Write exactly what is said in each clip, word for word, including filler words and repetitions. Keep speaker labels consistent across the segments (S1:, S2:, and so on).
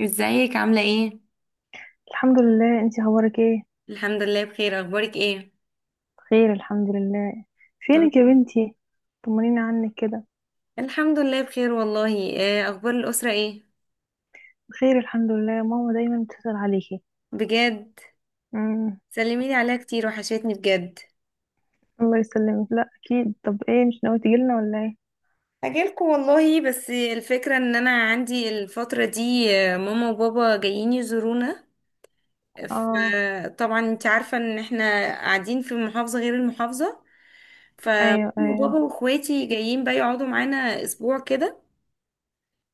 S1: ازيك عاملة ايه؟
S2: الحمد لله. انتي اخبارك ايه؟
S1: الحمد لله بخير، اخبارك ايه؟
S2: بخير الحمد لله.
S1: طب-
S2: فينك يا بنتي؟ طمنيني عنك كده.
S1: الحمد لله بخير والله. آه، اخبار الاسره ايه؟
S2: بخير الحمد لله. ماما دايما بتسأل عليكي.
S1: بجد؟
S2: امم.
S1: سلمي لي عليها كتير، وحشتني بجد.
S2: الله يسلمك، لا اكيد. طب ايه، مش ناوي تجيلنا ولا ايه؟
S1: اجيلكم والله، بس الفكره ان انا عندي الفتره دي، آه، ماما وبابا جايين يزورونا.
S2: اه،
S1: فطبعا انت عارفه ان احنا قاعدين في محافظه غير المحافظه، فماما
S2: ايوه
S1: وبابا
S2: ايوه.
S1: واخواتي جايين بقى يقعدوا معانا اسبوع كده.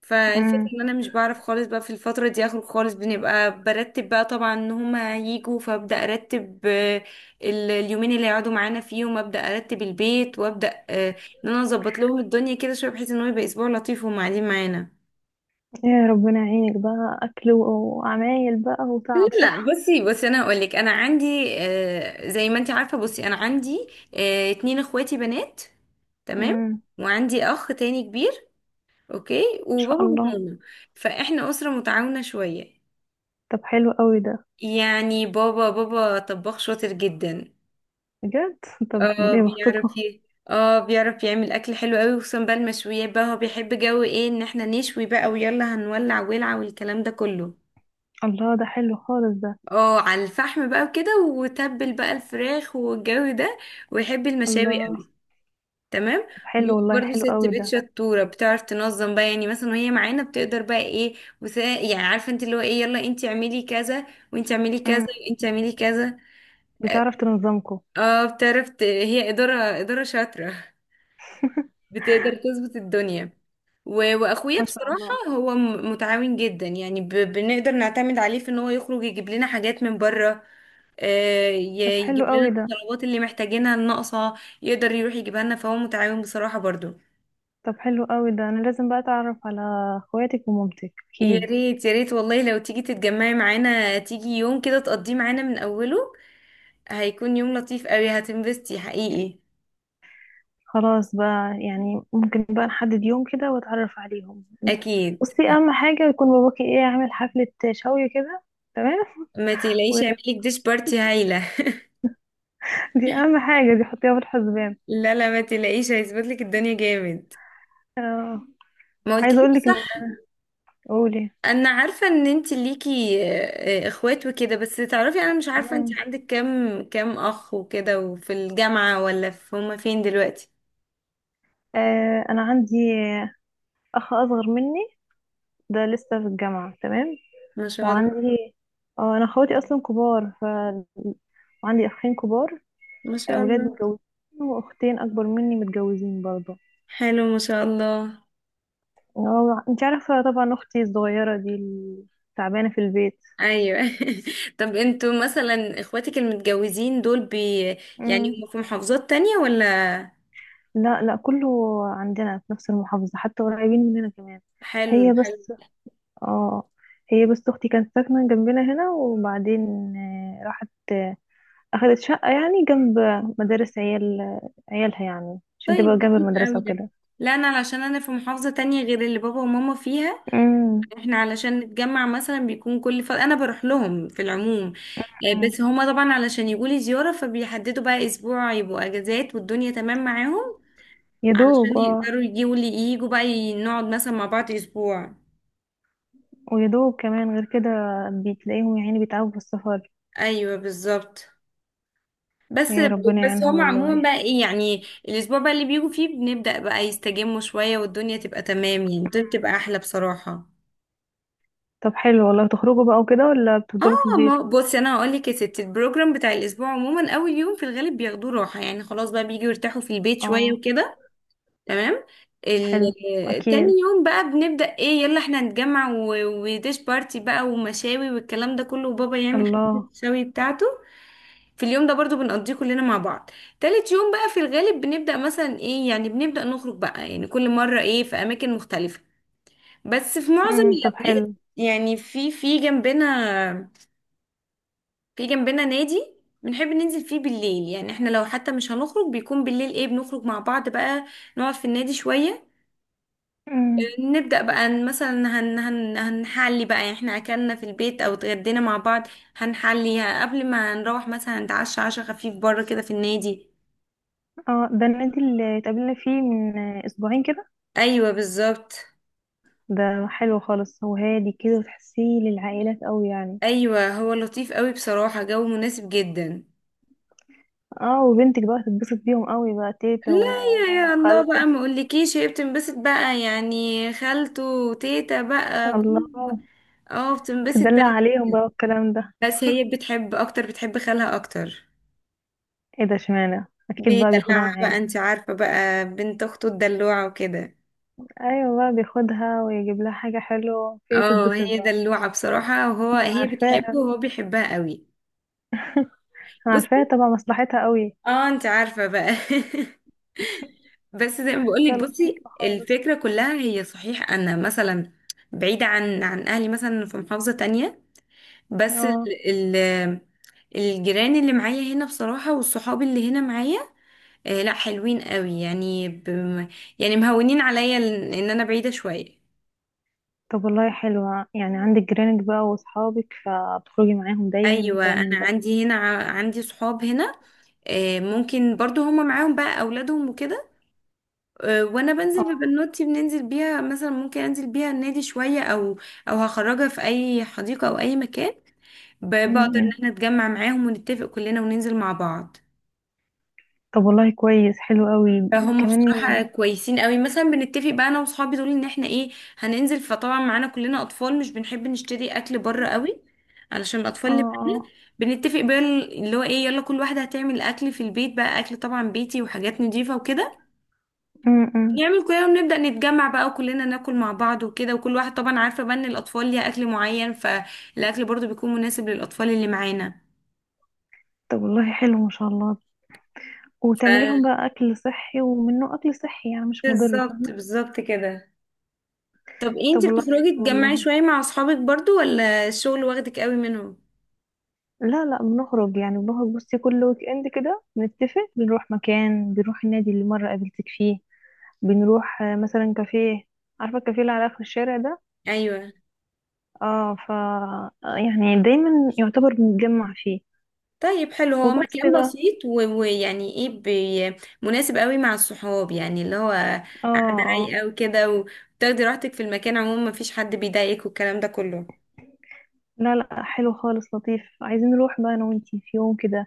S1: فالفكرة
S2: امم.
S1: ان انا مش بعرف خالص بقى في الفترة دي اخرج خالص، بنبقى برتب بقى طبعا ان هما هيجوا، فابدأ ارتب آه، ال- اليومين اللي هيقعدوا معانا فيهم ابدأ ارتب البيت وابدأ آه، ان انا اظبط لهم الدنيا كده شوية، بحيث ان هو يبقى اسبوع لطيف وهم قاعدين معانا.
S2: يا ربنا يعينك بقى، اكل و- وعمايل بقى
S1: لا
S2: وتعب،
S1: لا،
S2: صح؟
S1: بصي بصي انا هقول لك، انا عندي آه، زي ما انت عارفة. بصي، انا عندي آه، اتنين اخواتي بنات، تمام،
S2: امم.
S1: وعندي اخ تاني كبير، اوكي،
S2: ان شاء
S1: وبابا
S2: الله.
S1: وماما. فاحنا اسرة متعاونة شوية.
S2: طب حلو قوي ده.
S1: يعني بابا، بابا طباخ شاطر جدا.
S2: بجد. طب
S1: اه،
S2: ايه بختكم؟
S1: بيعرف ي-، اه، بيعرف يعمل اكل حلو قوي، وخصوصا بقى المشويات بقى، هو بيحب جو ايه ان احنا نشوي بقى، ويلا هنولع ولع، والكلام ده كله.
S2: الله، ده حلو خالص ده.
S1: اه، على الفحم بقى وكده، وتبل بقى الفراخ والجو ده، ويحب المشاوي
S2: الله.
S1: قوي. تمام.
S2: طب
S1: ماما
S2: حلو والله،
S1: برضو
S2: حلو
S1: ست
S2: قوي
S1: بيت
S2: ده.
S1: شطورة، بتعرف تنظم بقى، يعني مثلا وهي معانا بتقدر بقى ايه، وسا، يعني عارفه انت اللي هو ايه، يلا انت اعملي كذا، وانت اعملي كذا،
S2: امم.
S1: وانت اعملي كذا.
S2: بتعرف تنظمكم؟
S1: اه، بتعرف ت-، هي إدارة، إدارة شاطرة، بتقدر تظبط الدنيا. و... وأخويا
S2: ما شاء
S1: بصراحة،
S2: الله.
S1: هو م- متعاون جدا، يعني ب... بنقدر نعتمد عليه في إن هو يخرج يجيب لنا حاجات من بره. آه، ي-
S2: طب
S1: يجيب
S2: حلو
S1: لنا
S2: قوي ده.
S1: الطلبات اللي محتاجينها الناقصة، يقدر يروح يجيبها لنا، فهو متعاون بصراحة برضو.
S2: طب حلو قوي ده، انا لازم بقى اتعرف على اخواتك ومامتك
S1: يا
S2: اكيد.
S1: ريت، يا ريت والله، لو تيجي تتجمعي معانا، تيجي يوم كده تقضيه معانا من أوله، هيكون يوم لطيف قوي، هتنبسطي حقيقي.
S2: خلاص بقى، يعني ممكن بقى نحدد يوم كده واتعرف عليهم.
S1: أكيد.
S2: بصي، اهم حاجه يكون باباكي ايه، عامل حفله شوي كده، تمام؟
S1: ما تقلقيش،
S2: ودي
S1: هعملك ديش بارتي هايلة.
S2: اهم حاجه، دي حطيها في الحسبان.
S1: لا لا، ما تلاقيش، هيظبط لك الدنيا جامد.
S2: آه.
S1: ما
S2: عايزه
S1: قلتليش
S2: اقول لك ان.
S1: صح؟
S2: قولي.
S1: انا عارفه ان انت ليكي آه، آه، اخوات وكده، بس تعرفي انا مش عارفه انت
S2: مم.
S1: عندك كام، كام اخ وكده، وفي الجامعه ولا في، هما فين دلوقتي؟
S2: آه، انا عندي اخ اصغر مني، ده لسه في الجامعه، تمام.
S1: ما شاء الله.
S2: وعندي، اه انا اخواتي اصلا كبار، ف وعندي اخين كبار،
S1: ما شاء
S2: اولاد
S1: الله.
S2: متجوزين، واختين اكبر مني متجوزين برضه.
S1: حلو، ما شاء الله.
S2: اه، انت عارفه طبعا اختي الصغيره دي اللي تعبانه في البيت.
S1: ايوه طب انتوا مثلا اخواتك المتجوزين دول بي، يعني
S2: امم.
S1: هم في محافظات تانية ولا؟
S2: لا لا، كله عندنا في نفس المحافظه، حتى قريبين مننا كمان.
S1: حلو،
S2: هي
S1: حلو.
S2: بس اه هي بس اختي كانت ساكنه جنبنا هنا، وبعدين آه، راحت، آه، اخدت شقه يعني جنب مدارس عيال عيالها، يعني عشان تبقى
S1: طيب
S2: جنب
S1: لطيف
S2: المدرسه
S1: قوي ده.
S2: وكده.
S1: لا، انا علشان انا في محافظه تانية غير اللي بابا وماما فيها،
S2: امم.
S1: احنا علشان نتجمع مثلا بيكون كل ف... انا بروح لهم في العموم آه، بس هما طبعا علشان يجولي زيارة، فبيحددوا بقى اسبوع يبقوا اجازات والدنيا تمام معاهم،
S2: يا دوب
S1: علشان
S2: اه.
S1: يقدروا يجوا لي، يجوا بقى ي- نقعد مثلا مع بعض اسبوع.
S2: ويدوب كمان غير كده بتلاقيهم يا عيني بيتعبوا في السفر.
S1: ايوه، بالظبط. بس.
S2: يا ربنا
S1: بس
S2: يعينهم
S1: هما عموما
S2: والله.
S1: بقى ايه، يعني الاسبوع بقى اللي بيجوا فيه بنبدأ بقى يستجموا شوية، والدنيا تبقى تمام، يعني الدنيا بتبقى احلى بصراحة.
S2: طب حلو والله، تخرجوا بقى وكده ولا بتفضلوا في
S1: اه
S2: البيت؟
S1: ما بصي، انا هقول لك يا ستي، البروجرام بتاع الاسبوع عموما، اول يوم في الغالب بياخدوه راحه، يعني خلاص بقى بييجوا يرتاحوا في البيت شويه
S2: اه.
S1: وكده. تمام. ال-
S2: حلو.
S1: آه، تاني
S2: اكيد.
S1: يوم بقى بنبدا ايه، يلا احنا نتجمع و- وديش بارتي بقى، ومشاوي والكلام ده كله، وبابا يعمل حفله
S2: الله.
S1: الشوي بتاعته. في اليوم ده برضو بنقضيه كلنا مع بعض. تالت يوم بقى في الغالب بنبدأ مثلا ايه، يعني بنبدأ نخرج بقى، يعني كل مرة ايه في أماكن مختلفة، بس في معظم
S2: امم طب
S1: الأوقات،
S2: حلو.
S1: يعني في في جنبنا، في جنبنا نادي بنحب ننزل فيه بالليل، يعني احنا لو حتى مش هنخرج بيكون بالليل ايه، بنخرج مع بعض بقى، نقعد في النادي شوية،
S2: امم.
S1: نبدأ بقى ن- مثلا هن هن هنحلي بقى، يعني احنا اكلنا في البيت او اتغدينا مع بعض، هنحلي قبل ما نروح مثلا نتعشى عشاء خفيف بره كده في النادي.
S2: اه، ده النادي اللي اتقابلنا فيه من اسبوعين كده.
S1: ايوه، بالظبط.
S2: ده حلو خالص، هو هادي كده وتحسيه للعائلات قوي يعني.
S1: ايوه، هو لطيف قوي بصراحة، جو مناسب جدا.
S2: اه، وبنتك بقى تتبسط بيهم قوي بقى، تيتا
S1: لا، يا يا الله
S2: وخالته.
S1: بقى، ما اقولكيش، هي بتنبسط بقى، يعني خالته وتيتا بقى
S2: الله.
S1: جم. اه، بتنبسط
S2: تدلع
S1: بقى.
S2: عليهم بقى والكلام ده.
S1: بس هي بتحب اكتر، بتحب خالها اكتر.
S2: ايه ده، اشمعنى؟ اكيد بقى بياخدها
S1: بيدلعها بقى،
S2: معاه.
S1: انت عارفة بقى، بنت اخته الدلوعة وكده.
S2: ايوه بقى بياخدها ويجيب لها حاجة حلوة فهي
S1: اه،
S2: تتبسط
S1: هي
S2: بقى.
S1: دلوعة بصراحة، وهو
S2: انا
S1: هي
S2: عارفاها.
S1: بتحبه وهو بيحبها قوي.
S2: انا
S1: بصي.
S2: عارفاها طبعا، مصلحتها قوي.
S1: اه، انت عارفة بقى بس زي ما
S2: ده
S1: بقولك، بصي
S2: لطيفة خالص.
S1: الفكرة كلها، هي صحيح انا مثلا بعيدة عن عن اهلي، مثلا في محافظة تانية، بس
S2: اه،
S1: ال ال- الجيران اللي معايا هنا بصراحة، والصحاب اللي هنا معايا، آه لا حلوين قوي، يعني بم... يعني مهونين عليا ال- ان انا بعيدة شوية.
S2: طب والله حلوة، يعني عندك جيرانك بقى واصحابك فبتخرجي معاهم دايما
S1: ايوه،
S2: وكلام
S1: انا
S2: من ده.
S1: عندي هنا ع- عندي صحاب هنا. آه ممكن برضو هما معاهم بقى اولادهم وكده. آه وانا بنزل
S2: اه.
S1: ببنوتي، بننزل بيها مثلا، ممكن انزل بيها النادي شوية، او او هخرجها في اي حديقة او اي مكان. ب- بقدر ان
S2: م-م.
S1: احنا نتجمع معاهم ونتفق كلنا وننزل مع بعض.
S2: طب والله كويس، حلو قوي.
S1: فهم
S2: كمان.
S1: بصراحة كويسين قوي، مثلا بنتفق بقى انا وصحابي دول ان احنا ايه، هننزل، فطبعا معانا كلنا اطفال، مش بنحب نشتري اكل بره قوي علشان
S2: اه
S1: الاطفال اللي،
S2: اه.
S1: بنتفق بقى اللي هو ايه، يلا كل واحدة هتعمل اكل في البيت بقى، اكل طبعا بيتي وحاجات نضيفة وكده،
S2: م-م.
S1: نعمل كده ونبدأ نتجمع بقى، وكلنا ناكل مع بعض وكده، وكل واحد طبعا عارفة بقى ان الاطفال ليها اكل معين، فالاكل برضو بيكون مناسب للأطفال اللي معانا.
S2: طب والله حلو، ما شاء الله.
S1: ف
S2: وتعملي لهم بقى اكل صحي، ومنه اكل صحي يعني مش مضر، فاهمة؟
S1: بالظبط، بالظبط كده. طب إيه،
S2: طب
S1: انتي
S2: والله
S1: بتخرجي
S2: حلو والله.
S1: تجمعي شوية مع اصحابك برضو ولا الشغل واخدك قوي منهم؟
S2: لا لا، بنخرج يعني، بنخرج بصي كل ويك اند كده، بنتفق بنروح مكان، بنروح النادي اللي مرة قابلتك فيه. بنروح آه، مثلا كافيه. عارفة الكافيه اللي على آخر الشارع ده؟
S1: ايوه.
S2: اه، ف آه، يعني دايما يعتبر بنتجمع فيه.
S1: طيب حلو، هو
S2: وبس
S1: مكان
S2: بقى.
S1: بسيط و- ويعني ايه بي- مناسب قوي مع الصحاب، يعني اللي هو
S2: اه
S1: قاعدة
S2: اه.
S1: رايقة وكده، وتاخدي راحتك في المكان، عموما مفيش حد بيضايقك، والكلام ده كله.
S2: لا لا، حلو خالص لطيف. عايزين نروح بقى انا وانتي في يوم كده،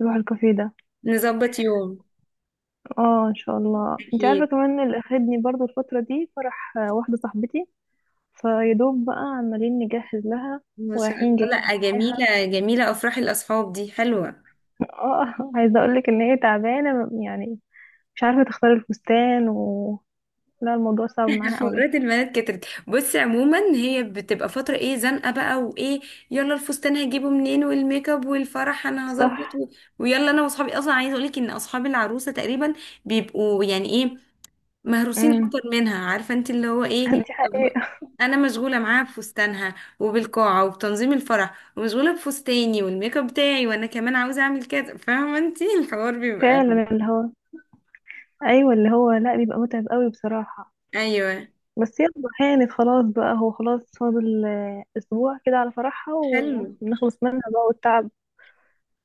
S2: نروح الكافيه ده.
S1: نظبط يوم.
S2: اه ان شاء الله. انت عارفة
S1: أكيد.
S2: كمان اللي اخدني برضو الفترة دي فرح آه، واحدة صاحبتي، فيدوب بقى عمالين نجهز لها
S1: ما شاء
S2: ورايحين جايين.
S1: الله. لأ، جميلة جميلة أفراح الأصحاب دي، حلوة.
S2: اه، عايزه اقول لك ان هي تعبانه يعني، مش عارفه تختار الفستان و. لا، الموضوع صعب معاها قوي.
S1: حوارات البنات كترت. بصي عموما هي بتبقى فترة ايه، زنقة بقى وايه، يلا الفستان هجيبه منين، والميك اب، والفرح انا هظبط
S2: صح.
S1: و... ويلا انا واصحابي، اصلا عايزة اقولك ان اصحاب العروسة تقريبا بيبقوا يعني ايه، مهروسين
S2: امم.
S1: اكتر منها، عارفة انت اللي هو ايه.
S2: دي
S1: طب،
S2: حقيقه.
S1: انا مشغولة معاها بفستانها، وبالقاعة، وبتنظيم الفرح، ومشغولة بفستاني والميك اب بتاعي، وانا كمان عاوزة اعمل كذا، فاهمة انت الحوار بيبقى.
S2: فعلا اللي هو. ايوه اللي هو، لا بيبقى متعب قوي بصراحه.
S1: ايوه.
S2: بس يلا، هانت خلاص بقى، هو خلاص فاضل آه، اسبوع كده على فرحها
S1: حلو.
S2: ونخلص منها بقى والتعب.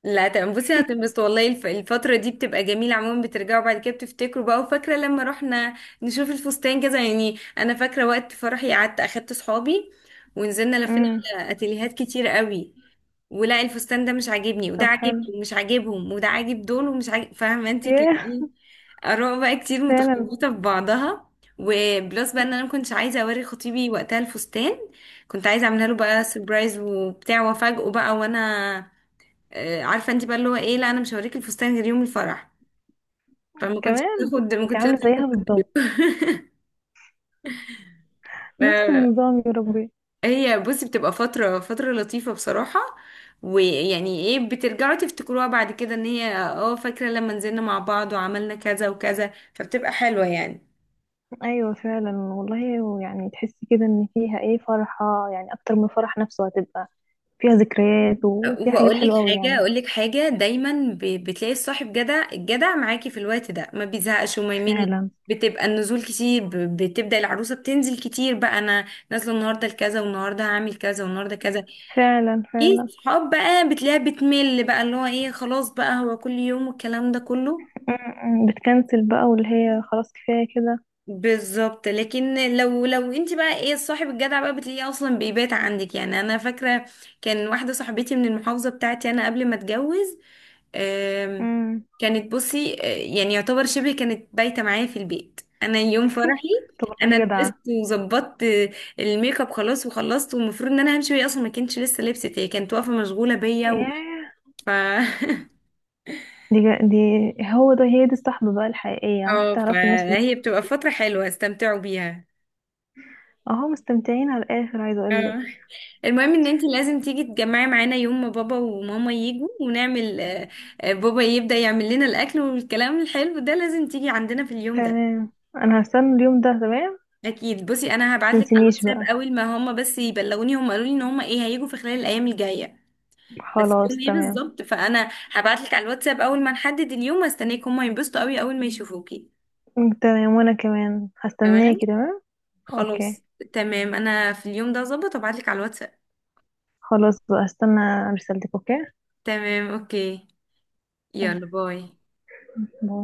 S1: لا، تمام، بصي هتنبسط والله. الف- الفترة دي بتبقى جميلة عموما، بترجعوا بعد كده بتفتكروا بقى، وفاكرة لما رحنا نشوف الفستان كذا، يعني أنا فاكرة وقت فرحي، قعدت أخدت صحابي ونزلنا لفينا
S2: امم.
S1: على أتيليهات كتير قوي، ولا الفستان ده مش عاجبني، وده
S2: طب
S1: عاجبني
S2: حلو.
S1: ومش عاجبهم، وده عاجب دول ومش عاجب، فاهمة انتي كان
S2: ياه.
S1: ايه، آراء بقى كتير
S2: فعلا.
S1: متخلطة في بعضها. وبلس بقى ان انا ما كنتش عايزة اوري خطيبي وقتها الفستان، كنت عايزة اعملها له بقى سربرايز وبتاع، وافاجئه بقى، وانا آه، عارفه انت بقى اللي هو ايه، لا انا مش هوريك الفستان غير يوم الفرح، فما كنتش
S2: كمان.
S1: باخد ما
S2: انت
S1: كنتش
S2: عامله زيها
S1: باخد
S2: بالظبط، نفس
S1: آه،
S2: النظام يا ربي.
S1: هي بصي بتبقى فتره، فتره لطيفه بصراحه، ويعني ايه بترجعوا تفتكروها بعد كده، ان هي اه فاكره لما نزلنا مع بعض وعملنا كذا وكذا، فبتبقى حلوه يعني.
S2: ايوه فعلا والله. يعني تحسي كده ان فيها ايه، فرحة يعني اكتر من الفرح نفسه، هتبقى فيها ذكريات وفيها حاجات
S1: واقول
S2: حلوة
S1: لك
S2: قوي
S1: حاجه
S2: يعني.
S1: اقول لك حاجه، دايما ب- بتلاقي الصاحب جدع، الجدع معاكي في الوقت ده، ما بيزهقش وما يمل،
S2: فعلا
S1: بتبقى النزول كتير، ب- بتبدأ العروسة بتنزل كتير بقى، انا نازله النهارده لكذا، والنهارده هعمل كذا، والنهارده كذا،
S2: فعلا.
S1: ايه
S2: فعلا.
S1: الصحاب بقى بتلاقيها بتمل بقى، اللي هو ايه، خلاص بقى هو كل يوم والكلام ده كله.
S2: م- م. بتكنسل بقى واللي هي خلاص كفاية كده.
S1: بالظبط، لكن لو، لو انت بقى ايه، الصاحب الجدع بقى بتلاقيه اصلا بيبات عندك، يعني انا فاكره كان واحده صاحبتي من المحافظه بتاعتي انا قبل ما اتجوز، آم،
S2: م.
S1: كانت بصي آه، يعني يعتبر شبه كانت بايته معايا في البيت انا يوم فرحي،
S2: طب
S1: انا
S2: والله
S1: لبست
S2: جدعة.
S1: وظبطت آه، الميك اب، خلاص وخلصت، والمفروض ان انا همشي، وهي اصلا ما كانتش لسه لبست، هي كانت واقفه مشغوله بيا و...
S2: ياه.
S1: ف
S2: دي جا- دي، هو ده، هي دي الصحبة بقى الحقيقية، عارفة؟
S1: اه،
S2: تعرفي الناس اللي.
S1: فهي بتبقى فترة حلوة، استمتعوا بيها.
S2: اهو مستمتعين على الاخر، عايزة اقولك.
S1: اه، المهم ان انتي لازم تيجي تجمعي معانا يوم ما بابا وماما يجوا، ونعمل آه، آه، بابا يبدأ يعمل لنا الاكل والكلام الحلو ده، لازم تيجي عندنا في اليوم ده.
S2: تمام، انا هستنى اليوم ده، تمام.
S1: اكيد. بصي انا هبعتلك على
S2: تنسينيش
S1: الواتساب
S2: بقى.
S1: اول ما هما بس يبلغوني، هما قالوا لي ان هما ايه هيجوا في خلال الايام الجايه، بس يوم
S2: خلاص،
S1: ايه
S2: تمام.
S1: بالظبط، فانا هبعتلك على الواتساب اول ما نحدد اليوم واستناك، هما ينبسطوا قوي اول ما يشوفوكي.
S2: تمام، وانا كمان
S1: تمام.
S2: هستناكي، تمام. اوكي.
S1: خلاص. تمام، انا في اليوم ده ظبط وابعتلك على الواتساب.
S2: خلاص بقى، استنى رسالتك. اوكي.
S1: تمام، اوكي، يلا
S2: تمام.
S1: باي.
S2: باي.